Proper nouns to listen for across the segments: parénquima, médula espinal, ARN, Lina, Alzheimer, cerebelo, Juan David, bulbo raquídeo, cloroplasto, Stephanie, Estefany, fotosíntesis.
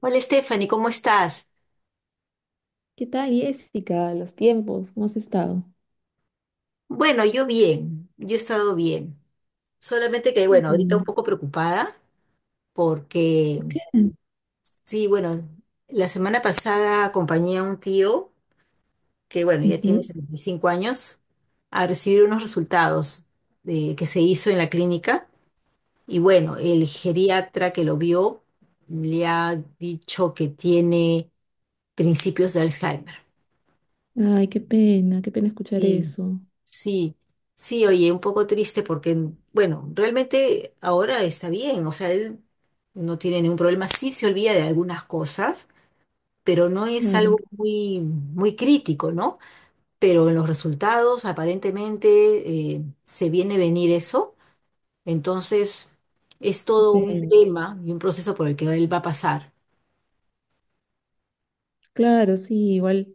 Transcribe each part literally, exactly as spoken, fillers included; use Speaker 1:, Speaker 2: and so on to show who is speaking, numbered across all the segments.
Speaker 1: Hola Stephanie, ¿cómo estás?
Speaker 2: ¿Qué tal, Jessica? Los tiempos, ¿cómo has estado?
Speaker 1: Bueno, yo bien, yo he estado bien. Solamente que, bueno, ahorita un
Speaker 2: Bueno,
Speaker 1: poco preocupada porque,
Speaker 2: bien.
Speaker 1: sí, bueno, la semana pasada acompañé a un tío que, bueno, ya tiene
Speaker 2: Ujú.
Speaker 1: setenta y cinco años a recibir unos resultados de, que se hizo en la clínica y, bueno, el geriatra que lo vio le ha dicho que tiene principios de Alzheimer.
Speaker 2: Ay, qué pena, qué pena escuchar
Speaker 1: Sí,
Speaker 2: eso.
Speaker 1: sí, sí, oye, un poco triste porque, bueno, realmente ahora está bien, o sea, él no tiene ningún problema, sí se olvida de algunas cosas, pero no es
Speaker 2: Claro.
Speaker 1: algo muy, muy crítico, ¿no? Pero en los resultados aparentemente eh, se viene venir eso, entonces es
Speaker 2: Qué
Speaker 1: todo un
Speaker 2: pena.
Speaker 1: tema y un proceso por el que él va a pasar.
Speaker 2: Claro, sí, igual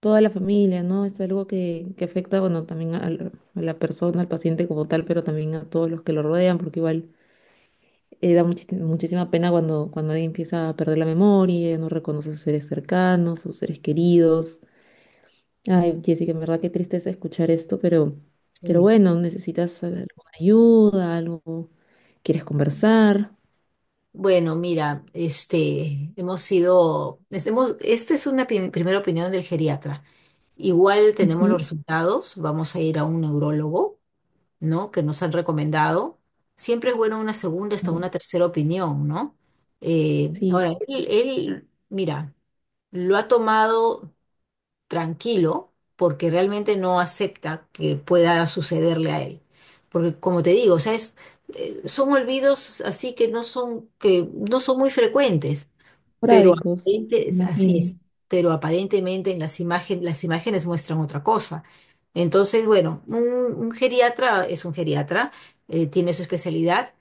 Speaker 2: toda la familia, ¿no? Es algo que, que afecta, bueno, también a, la a la persona, al paciente como tal, pero también a todos los que lo rodean, porque igual eh, da muchis- muchísima pena cuando, cuando alguien empieza a perder la memoria, no reconoce a sus seres cercanos, sus seres queridos. Ay, Jessica, en verdad qué tristeza escuchar esto, pero, pero
Speaker 1: Sí.
Speaker 2: bueno, necesitas al- alguna ayuda, algo, quieres conversar.
Speaker 1: Bueno, mira, este, hemos sido, hemos, esta es una prim- primera opinión del geriatra. Igual tenemos los
Speaker 2: Ujú,
Speaker 1: resultados, vamos a ir a un neurólogo, ¿no? Que nos han recomendado. Siempre es bueno una segunda hasta
Speaker 2: claro.
Speaker 1: una tercera opinión, ¿no? Eh,
Speaker 2: Sí,
Speaker 1: ahora, él, él, mira, lo ha tomado tranquilo porque realmente no acepta que pueda sucederle a él. Porque como te digo, o sea, es- eh, son olvidos así que no son, que no son muy frecuentes pero
Speaker 2: esporádicos,
Speaker 1: aparente- es- así
Speaker 2: imagino.
Speaker 1: es, pero aparentemente en las imágenes, las imágenes muestran otra cosa. Entonces, bueno, un, un geriatra es un geriatra, eh, tiene su especialidad,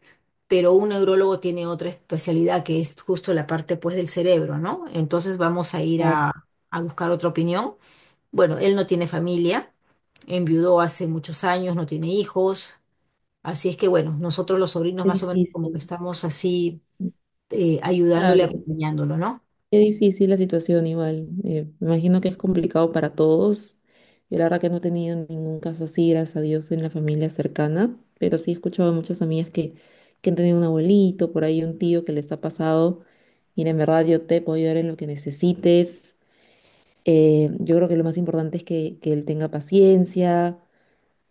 Speaker 1: pero un neurólogo tiene otra especialidad que es justo la parte pues del cerebro, ¿no? Entonces vamos a ir a,
Speaker 2: Claro,
Speaker 1: a buscar otra opinión. Bueno, él no tiene familia, enviudó hace muchos años, no tiene hijos, así es que bueno, nosotros los sobrinos
Speaker 2: qué
Speaker 1: más o menos como que
Speaker 2: difícil.
Speaker 1: estamos así eh, ayudándole,
Speaker 2: Claro,
Speaker 1: acompañándolo, ¿no?
Speaker 2: qué difícil la situación igual. Eh, me imagino que es complicado para todos. Yo la verdad que no he tenido ningún caso así, gracias a Dios, en la familia cercana, pero sí he escuchado a muchas amigas que, que han tenido un abuelito, por ahí un tío que les ha pasado. Mira, en verdad yo te puedo ayudar en lo que necesites. Eh, yo creo que lo más importante es que, que él tenga paciencia,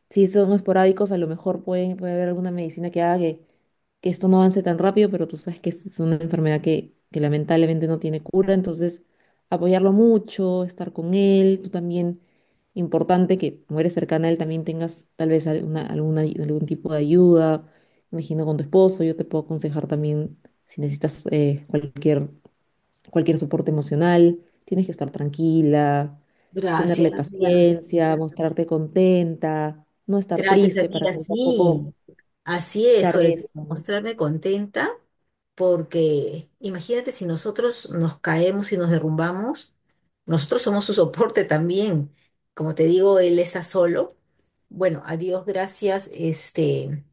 Speaker 2: si son esporádicos, a lo mejor pueden, puede haber alguna medicina que haga que, que esto no avance tan rápido, pero tú sabes que es es una enfermedad que, que lamentablemente no tiene cura, entonces apoyarlo mucho, estar con él, tú también, importante que como eres cercana a él también tengas tal vez alguna, alguna, algún tipo de ayuda, imagino con tu esposo, yo te puedo aconsejar también si necesitas eh, cualquier cualquier soporte emocional, tienes que estar tranquila,
Speaker 1: Gracias,
Speaker 2: tenerle
Speaker 1: gracias.
Speaker 2: paciencia, mostrarte contenta, no estar
Speaker 1: Gracias,
Speaker 2: triste para
Speaker 1: amiga.
Speaker 2: que
Speaker 1: Sí,
Speaker 2: tampoco
Speaker 1: así es, sobre
Speaker 2: cargue
Speaker 1: todo
Speaker 2: eso. ¿No?
Speaker 1: mostrarme contenta, porque imagínate si nosotros nos caemos y nos derrumbamos, nosotros somos su soporte también. Como te digo, él está solo. Bueno, a Dios gracias, este,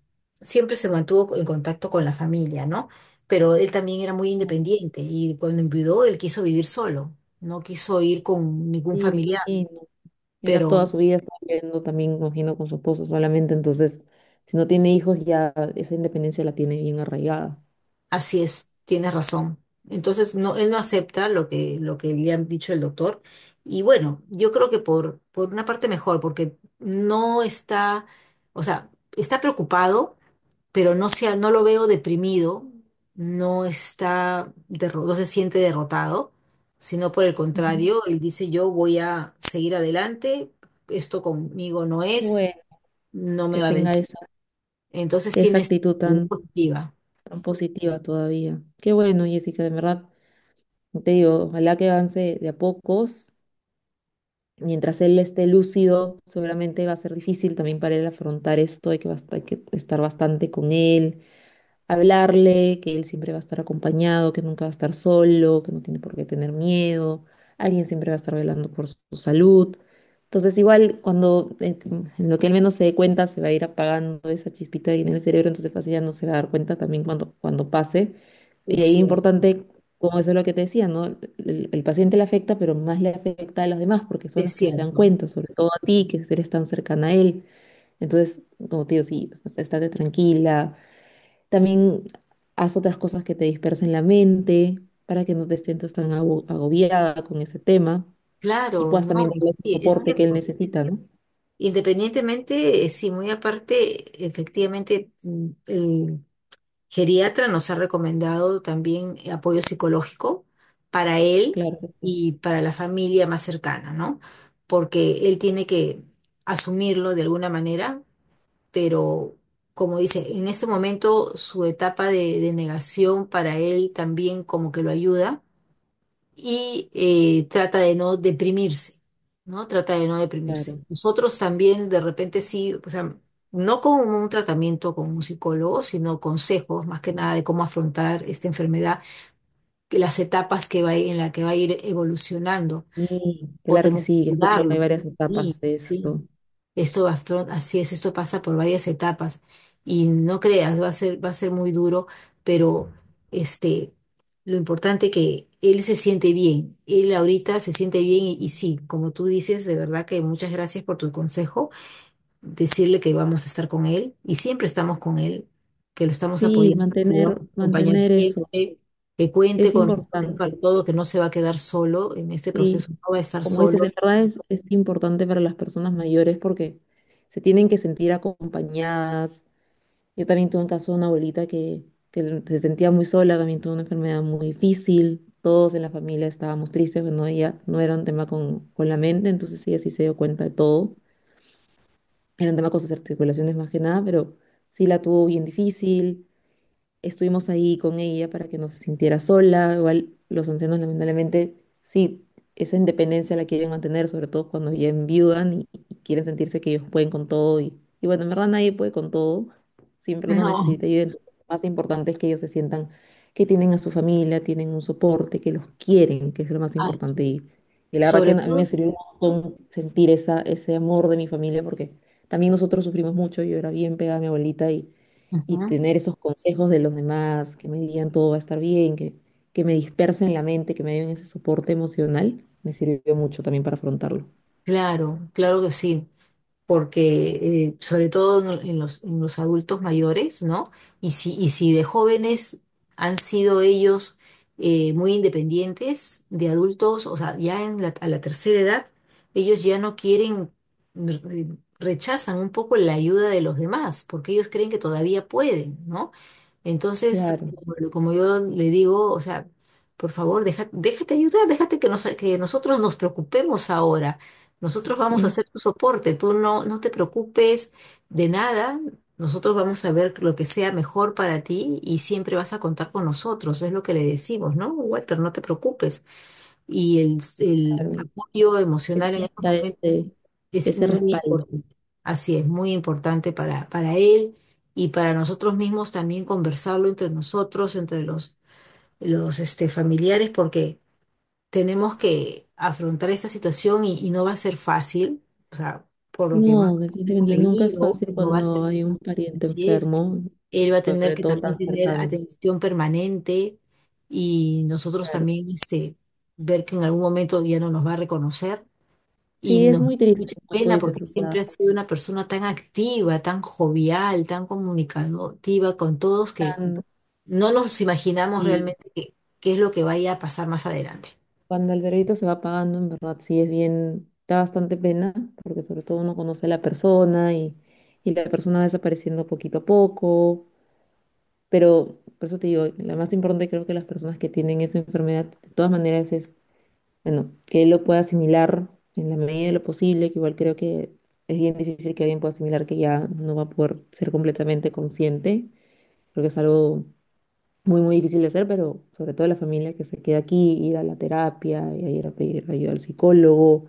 Speaker 1: siempre se mantuvo en contacto con la familia, ¿no? Pero él también era muy independiente y cuando enviudó, él quiso vivir solo, no quiso ir con ningún
Speaker 2: Sí, me
Speaker 1: familiar,
Speaker 2: imagino. Era toda
Speaker 1: pero
Speaker 2: su vida, estaba viviendo también, me imagino, con su esposo solamente, entonces, si no tiene hijos, ya esa independencia la tiene bien arraigada.
Speaker 1: así es, tienes razón. Entonces, no, él no acepta lo que, lo que le han dicho el doctor. Y bueno, yo creo que por, por una parte mejor, porque no está, o sea, está preocupado, pero no sea, no lo veo deprimido, no está, derro- no se siente derrotado, sino por el
Speaker 2: Ujú.
Speaker 1: contrario, él dice, yo voy a seguir adelante, esto conmigo no
Speaker 2: Qué
Speaker 1: es,
Speaker 2: bueno
Speaker 1: no me
Speaker 2: que
Speaker 1: va a
Speaker 2: tenga
Speaker 1: vencer.
Speaker 2: esa,
Speaker 1: Entonces
Speaker 2: esa
Speaker 1: tienes
Speaker 2: actitud
Speaker 1: actitud
Speaker 2: tan,
Speaker 1: positiva.
Speaker 2: tan positiva todavía. Qué bueno, Jessica, de verdad. Te digo, ojalá que avance de a pocos. Mientras él esté lúcido, seguramente va a ser difícil también para él afrontar esto, hay que, bast- hay que estar bastante con él, hablarle, que él siempre va a estar acompañado, que nunca va a estar solo, que no tiene por qué tener miedo, alguien siempre va a estar velando por su salud. Entonces, igual cuando en en lo que él menos se dé cuenta, se va a ir apagando esa chispita ahí en el cerebro, entonces fácil ya no se va a dar cuenta también cuando, cuando pase.
Speaker 1: Es
Speaker 2: Y ahí es
Speaker 1: cierto,
Speaker 2: importante, como eso es lo que te decía, ¿no? El, el paciente le afecta, pero más le afecta a los demás porque son
Speaker 1: es
Speaker 2: los que se dan
Speaker 1: cierto.
Speaker 2: cuenta, sobre todo a ti, que eres tan cercana a él. Entonces, como te digo, sí, o sea, estate tranquila, también haz otras cosas que te dispersen la mente para que no te sientas tan ago- agobiada con ese tema y
Speaker 1: Claro,
Speaker 2: puedas
Speaker 1: no,
Speaker 2: también darle ese
Speaker 1: sí, es
Speaker 2: soporte que él
Speaker 1: cierto.
Speaker 2: necesita, ¿no?
Speaker 1: Independientemente, eh, sí, muy aparte, efectivamente, mm, el geriatra nos ha recomendado también eh, apoyo psicológico para él
Speaker 2: Claro que sí,
Speaker 1: y para la familia más cercana, ¿no? Porque él tiene que asumirlo de alguna manera, pero como dice, en este momento su etapa de de negación para él también como que lo ayuda y eh, trata de no deprimirse, ¿no? Trata de no deprimirse.
Speaker 2: claro.
Speaker 1: Nosotros también de repente sí, o sea, no con un tratamiento con un psicólogo, sino consejos más que nada de cómo afrontar esta enfermedad, que las etapas que va a ir- en la que va a ir evolucionando,
Speaker 2: Sí, claro que
Speaker 1: podemos
Speaker 2: sí, escucho que hay
Speaker 1: ayudarlo.
Speaker 2: varias
Speaker 1: Sí,
Speaker 2: etapas de eso.
Speaker 1: sí. Esto afron- así es, esto pasa por varias etapas y no creas, va a ser, va a ser muy duro, pero este, lo importante que él se siente bien, él ahorita se siente bien y, y sí, como tú dices, de verdad que muchas gracias por tu consejo, decirle que vamos a estar con él y siempre estamos con él, que lo estamos
Speaker 2: Sí,
Speaker 1: apoyando, que lo vamos
Speaker 2: mantener,
Speaker 1: a acompañar
Speaker 2: mantener eso
Speaker 1: siempre, que cuente
Speaker 2: es
Speaker 1: con nosotros para
Speaker 2: importante.
Speaker 1: todo, que no se va a quedar solo en este
Speaker 2: Sí,
Speaker 1: proceso, no va a estar
Speaker 2: como dices,
Speaker 1: solo.
Speaker 2: en verdad es, es importante para las personas mayores porque se tienen que sentir acompañadas. Yo también tuve un caso de una abuelita que, que se sentía muy sola, también tuvo una enfermedad muy difícil, todos en la familia estábamos tristes, bueno, ella no era un tema con, con la mente, entonces ella sí se dio cuenta de todo, era un tema con sus articulaciones más que nada, pero sí la tuvo bien difícil. Estuvimos ahí con ella para que no se sintiera sola. Igual los ancianos, lamentablemente, sí, esa independencia la quieren mantener, sobre todo cuando ya enviudan y, y quieren sentirse que ellos pueden con todo. Y, y bueno, en verdad nadie puede con todo. Siempre uno
Speaker 1: No,
Speaker 2: necesita ayuda. Entonces, lo más importante es que ellos se sientan que tienen a su familia, tienen un soporte, que los quieren, que es lo más
Speaker 1: así
Speaker 2: importante.
Speaker 1: es.
Speaker 2: Y, y la verdad que a
Speaker 1: Sobre
Speaker 2: mí
Speaker 1: todo
Speaker 2: me sirvió un montón sentir esa, ese amor de mi familia, porque también nosotros sufrimos mucho. Yo era bien pegada a mi abuelita y y
Speaker 1: ujú.
Speaker 2: tener esos consejos de los demás que me digan todo va a estar bien, que, que me dispersen la mente, que me den ese soporte emocional, me sirvió mucho también para afrontarlo.
Speaker 1: Claro, claro que sí. Porque eh, sobre todo en, en los, en los adultos mayores, ¿no? Y si, y si de jóvenes han sido ellos eh, muy independientes, de adultos, o sea, ya en la- a la tercera edad, ellos ya no quieren, re- rechazan un poco la ayuda de los demás, porque ellos creen que todavía pueden, ¿no? Entonces,
Speaker 2: Claro,
Speaker 1: como, como yo le digo, o sea, por favor, deja- déjate ayudar, déjate que, nos- que nosotros nos preocupemos ahora. Nosotros vamos a
Speaker 2: mm,
Speaker 1: hacer tu soporte, tú no, no te preocupes de nada, nosotros vamos a ver lo que sea mejor para ti y siempre vas a contar con nosotros, es lo que le decimos, ¿no? Walter, no te preocupes. Y el, el
Speaker 2: claro,
Speaker 1: apoyo
Speaker 2: que
Speaker 1: emocional en estos
Speaker 2: sienta
Speaker 1: momentos
Speaker 2: ese,
Speaker 1: es
Speaker 2: ese
Speaker 1: muy
Speaker 2: respaldo.
Speaker 1: importante, así es, muy importante para, para él y para nosotros mismos también conversarlo entre nosotros, entre los, los este, familiares, porque tenemos que afrontar esta situación y, y no va a ser fácil, o sea, por lo que más
Speaker 2: No,
Speaker 1: hemos
Speaker 2: definitivamente nunca es
Speaker 1: leído,
Speaker 2: fácil
Speaker 1: no va a ser
Speaker 2: cuando hay un
Speaker 1: fácil,
Speaker 2: pariente
Speaker 1: así es.
Speaker 2: enfermo,
Speaker 1: Él va a tener
Speaker 2: sobre
Speaker 1: que
Speaker 2: todo
Speaker 1: también
Speaker 2: tan
Speaker 1: tener
Speaker 2: cercano.
Speaker 1: atención permanente y nosotros
Speaker 2: Claro.
Speaker 1: también este, ver que en algún momento ya no nos va a reconocer y
Speaker 2: Sí, es
Speaker 1: nos da
Speaker 2: muy triste,
Speaker 1: mucha
Speaker 2: como tú
Speaker 1: pena porque
Speaker 2: dices, o
Speaker 1: siempre
Speaker 2: sea,
Speaker 1: ha sido una persona tan activa, tan jovial, tan comunicativa con todos que
Speaker 2: tan,
Speaker 1: no nos imaginamos realmente qué qué es lo que vaya a pasar más adelante.
Speaker 2: cuando el delito se va pagando, en verdad sí es bien, da bastante pena, porque sobre todo uno conoce a la persona y, y la persona va desapareciendo poquito a poco. Pero por eso te digo, lo más importante creo que las personas que tienen esa enfermedad, de todas maneras, es, bueno, que él lo pueda asimilar en la medida de lo posible, que igual creo que es bien difícil que alguien pueda asimilar que ya no va a poder ser completamente consciente. Creo que es algo muy, muy difícil de hacer, pero sobre todo la familia que se queda aquí, ir a la terapia, y a ir a pedir ayuda al psicólogo,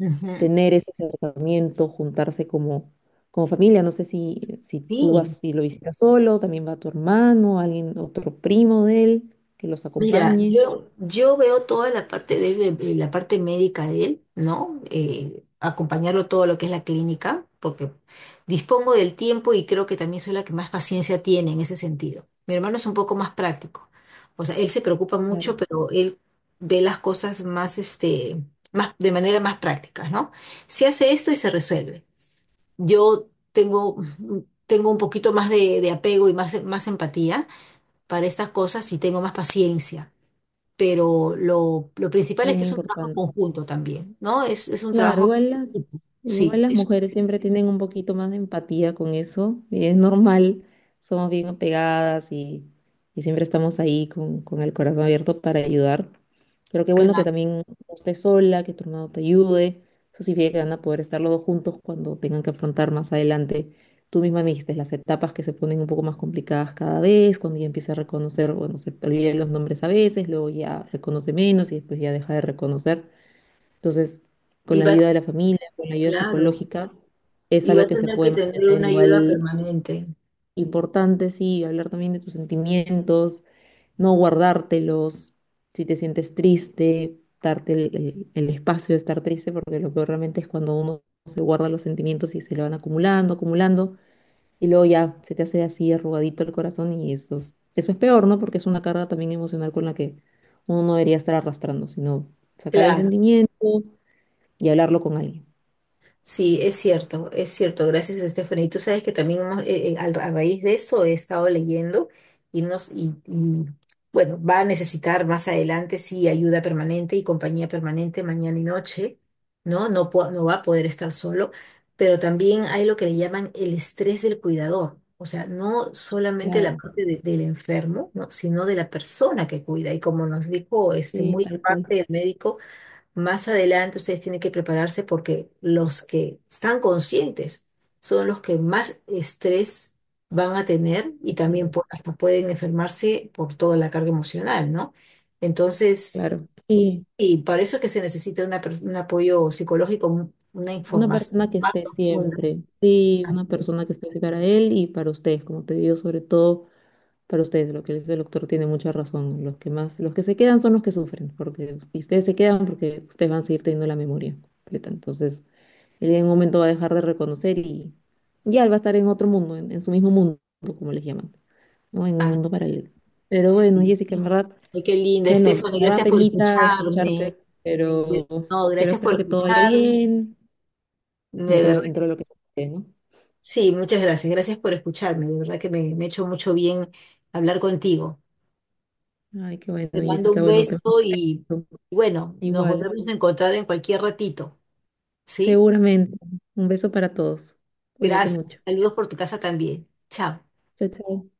Speaker 1: Ujú.
Speaker 2: tener ese acercamiento, juntarse como, como familia. No sé si, si tú
Speaker 1: Sí,
Speaker 2: vas y lo visitas solo, también va tu hermano, alguien, otro primo de él que los
Speaker 1: mira,
Speaker 2: acompañe.
Speaker 1: yo, yo veo toda la parte de él, de- de la parte médica de él, ¿no? Eh, acompañarlo todo lo que es la clínica, porque dispongo del tiempo y creo que también soy la que más paciencia tiene en ese sentido. Mi hermano es un poco más práctico. O sea, él se preocupa mucho,
Speaker 2: Claro.
Speaker 1: pero él ve las cosas más, este, más, de manera más práctica, ¿no? Se hace esto y se resuelve. Yo tengo, tengo un poquito más de, de apego y más, más empatía para estas cosas sí tengo más paciencia, pero lo, lo principal es que
Speaker 2: Bien
Speaker 1: es un trabajo en
Speaker 2: importante.
Speaker 1: conjunto también, ¿no? Es, es un
Speaker 2: Claro,
Speaker 1: trabajo,
Speaker 2: igual
Speaker 1: en
Speaker 2: las,
Speaker 1: equipo. Sí,
Speaker 2: igual las
Speaker 1: es
Speaker 2: mujeres siempre tienen un poquito más de empatía con eso y es normal, somos bien apegadas y, y siempre estamos ahí con, con el corazón abierto para ayudar. Pero qué bueno que
Speaker 1: claro,
Speaker 2: también no estés sola, que tu hermano te ayude. Eso significa que van a poder estar los dos juntos cuando tengan que afrontar más adelante. Tú misma me dijiste las etapas que se ponen un poco más complicadas cada vez, cuando ya empieza a reconocer, bueno, se olvida los nombres a veces, luego ya reconoce menos y después ya deja de reconocer. Entonces, con
Speaker 1: y
Speaker 2: la
Speaker 1: va,
Speaker 2: ayuda de la familia, con la ayuda
Speaker 1: claro,
Speaker 2: psicológica, es
Speaker 1: y va
Speaker 2: algo
Speaker 1: a
Speaker 2: que se
Speaker 1: tener que
Speaker 2: puede
Speaker 1: tener
Speaker 2: mantener
Speaker 1: una ayuda
Speaker 2: igual
Speaker 1: permanente,
Speaker 2: importante, sí, hablar también de tus sentimientos, no guardártelos, si te sientes triste, darte el, el- el espacio de estar triste, porque lo peor realmente es cuando uno se guarda los sentimientos y se le van acumulando, acumulando, y luego ya se te hace así arrugadito el corazón y eso es, eso es peor, ¿no? Porque es una carga también emocional con la que uno no debería estar arrastrando, sino sacar el
Speaker 1: claro.
Speaker 2: sentimiento y hablarlo con alguien.
Speaker 1: Sí, es cierto, es cierto. Gracias, Estefany. Y tú sabes que también hemos- eh, eh, al- a raíz de eso he estado leyendo y, nos, y, y, bueno, va a necesitar más adelante, sí, ayuda permanente y compañía permanente mañana y noche, ¿no? No, po- no va a poder estar solo, pero también hay lo que le llaman el estrés del cuidador. O sea, no solamente la
Speaker 2: Claro,
Speaker 1: parte de- del enfermo, ¿no? Sino de la persona que cuida. Y como nos dijo este,
Speaker 2: sí,
Speaker 1: muy
Speaker 2: tal cual.
Speaker 1: aparte el médico, más adelante ustedes tienen que prepararse porque los que están conscientes son los que más estrés van a tener y también
Speaker 2: Ya,
Speaker 1: pu- hasta pueden enfermarse por toda la carga emocional, ¿no? Entonces,
Speaker 2: claro, sí,
Speaker 1: y para eso es que se necesita una pers- un apoyo psicológico, un- una
Speaker 2: una
Speaker 1: información
Speaker 2: persona que
Speaker 1: más
Speaker 2: esté
Speaker 1: profunda.
Speaker 2: siempre, sí,
Speaker 1: Así
Speaker 2: una
Speaker 1: es.
Speaker 2: persona que esté así para él y para ustedes, como te digo, sobre todo para ustedes, lo que dice el doctor tiene mucha razón, los que más, los que se quedan son los que sufren, porque y ustedes se quedan porque ustedes van a seguir teniendo la memoria completa, entonces él en un momento va a dejar de reconocer y ya él va a estar en otro mundo, en, en su mismo mundo, como les llaman, ¿no? En un
Speaker 1: Ah,
Speaker 2: mundo paralelo. Pero
Speaker 1: sí.
Speaker 2: bueno, Jessica, en verdad,
Speaker 1: Ay, qué linda,
Speaker 2: bueno,
Speaker 1: Estefany,
Speaker 2: me da
Speaker 1: gracias por
Speaker 2: penita
Speaker 1: escucharme.
Speaker 2: escucharte, pero,
Speaker 1: No,
Speaker 2: pero
Speaker 1: gracias por
Speaker 2: espero que todo vaya
Speaker 1: escucharme.
Speaker 2: bien
Speaker 1: De
Speaker 2: dentro,
Speaker 1: verdad.
Speaker 2: dentro de lo que se puede, ¿no?
Speaker 1: Sí, muchas gracias. Gracias por escucharme. De verdad que me, me ha hecho mucho bien hablar contigo.
Speaker 2: Ay, qué bueno,
Speaker 1: Te mando
Speaker 2: Jessica,
Speaker 1: un
Speaker 2: bueno, te
Speaker 1: beso y, y bueno, nos
Speaker 2: igual,
Speaker 1: volvemos a encontrar en cualquier ratito. ¿Sí?
Speaker 2: seguramente. Un beso para todos. Cuídate
Speaker 1: Gracias.
Speaker 2: mucho.
Speaker 1: Saludos por tu casa también. Chao.
Speaker 2: Chao, chao.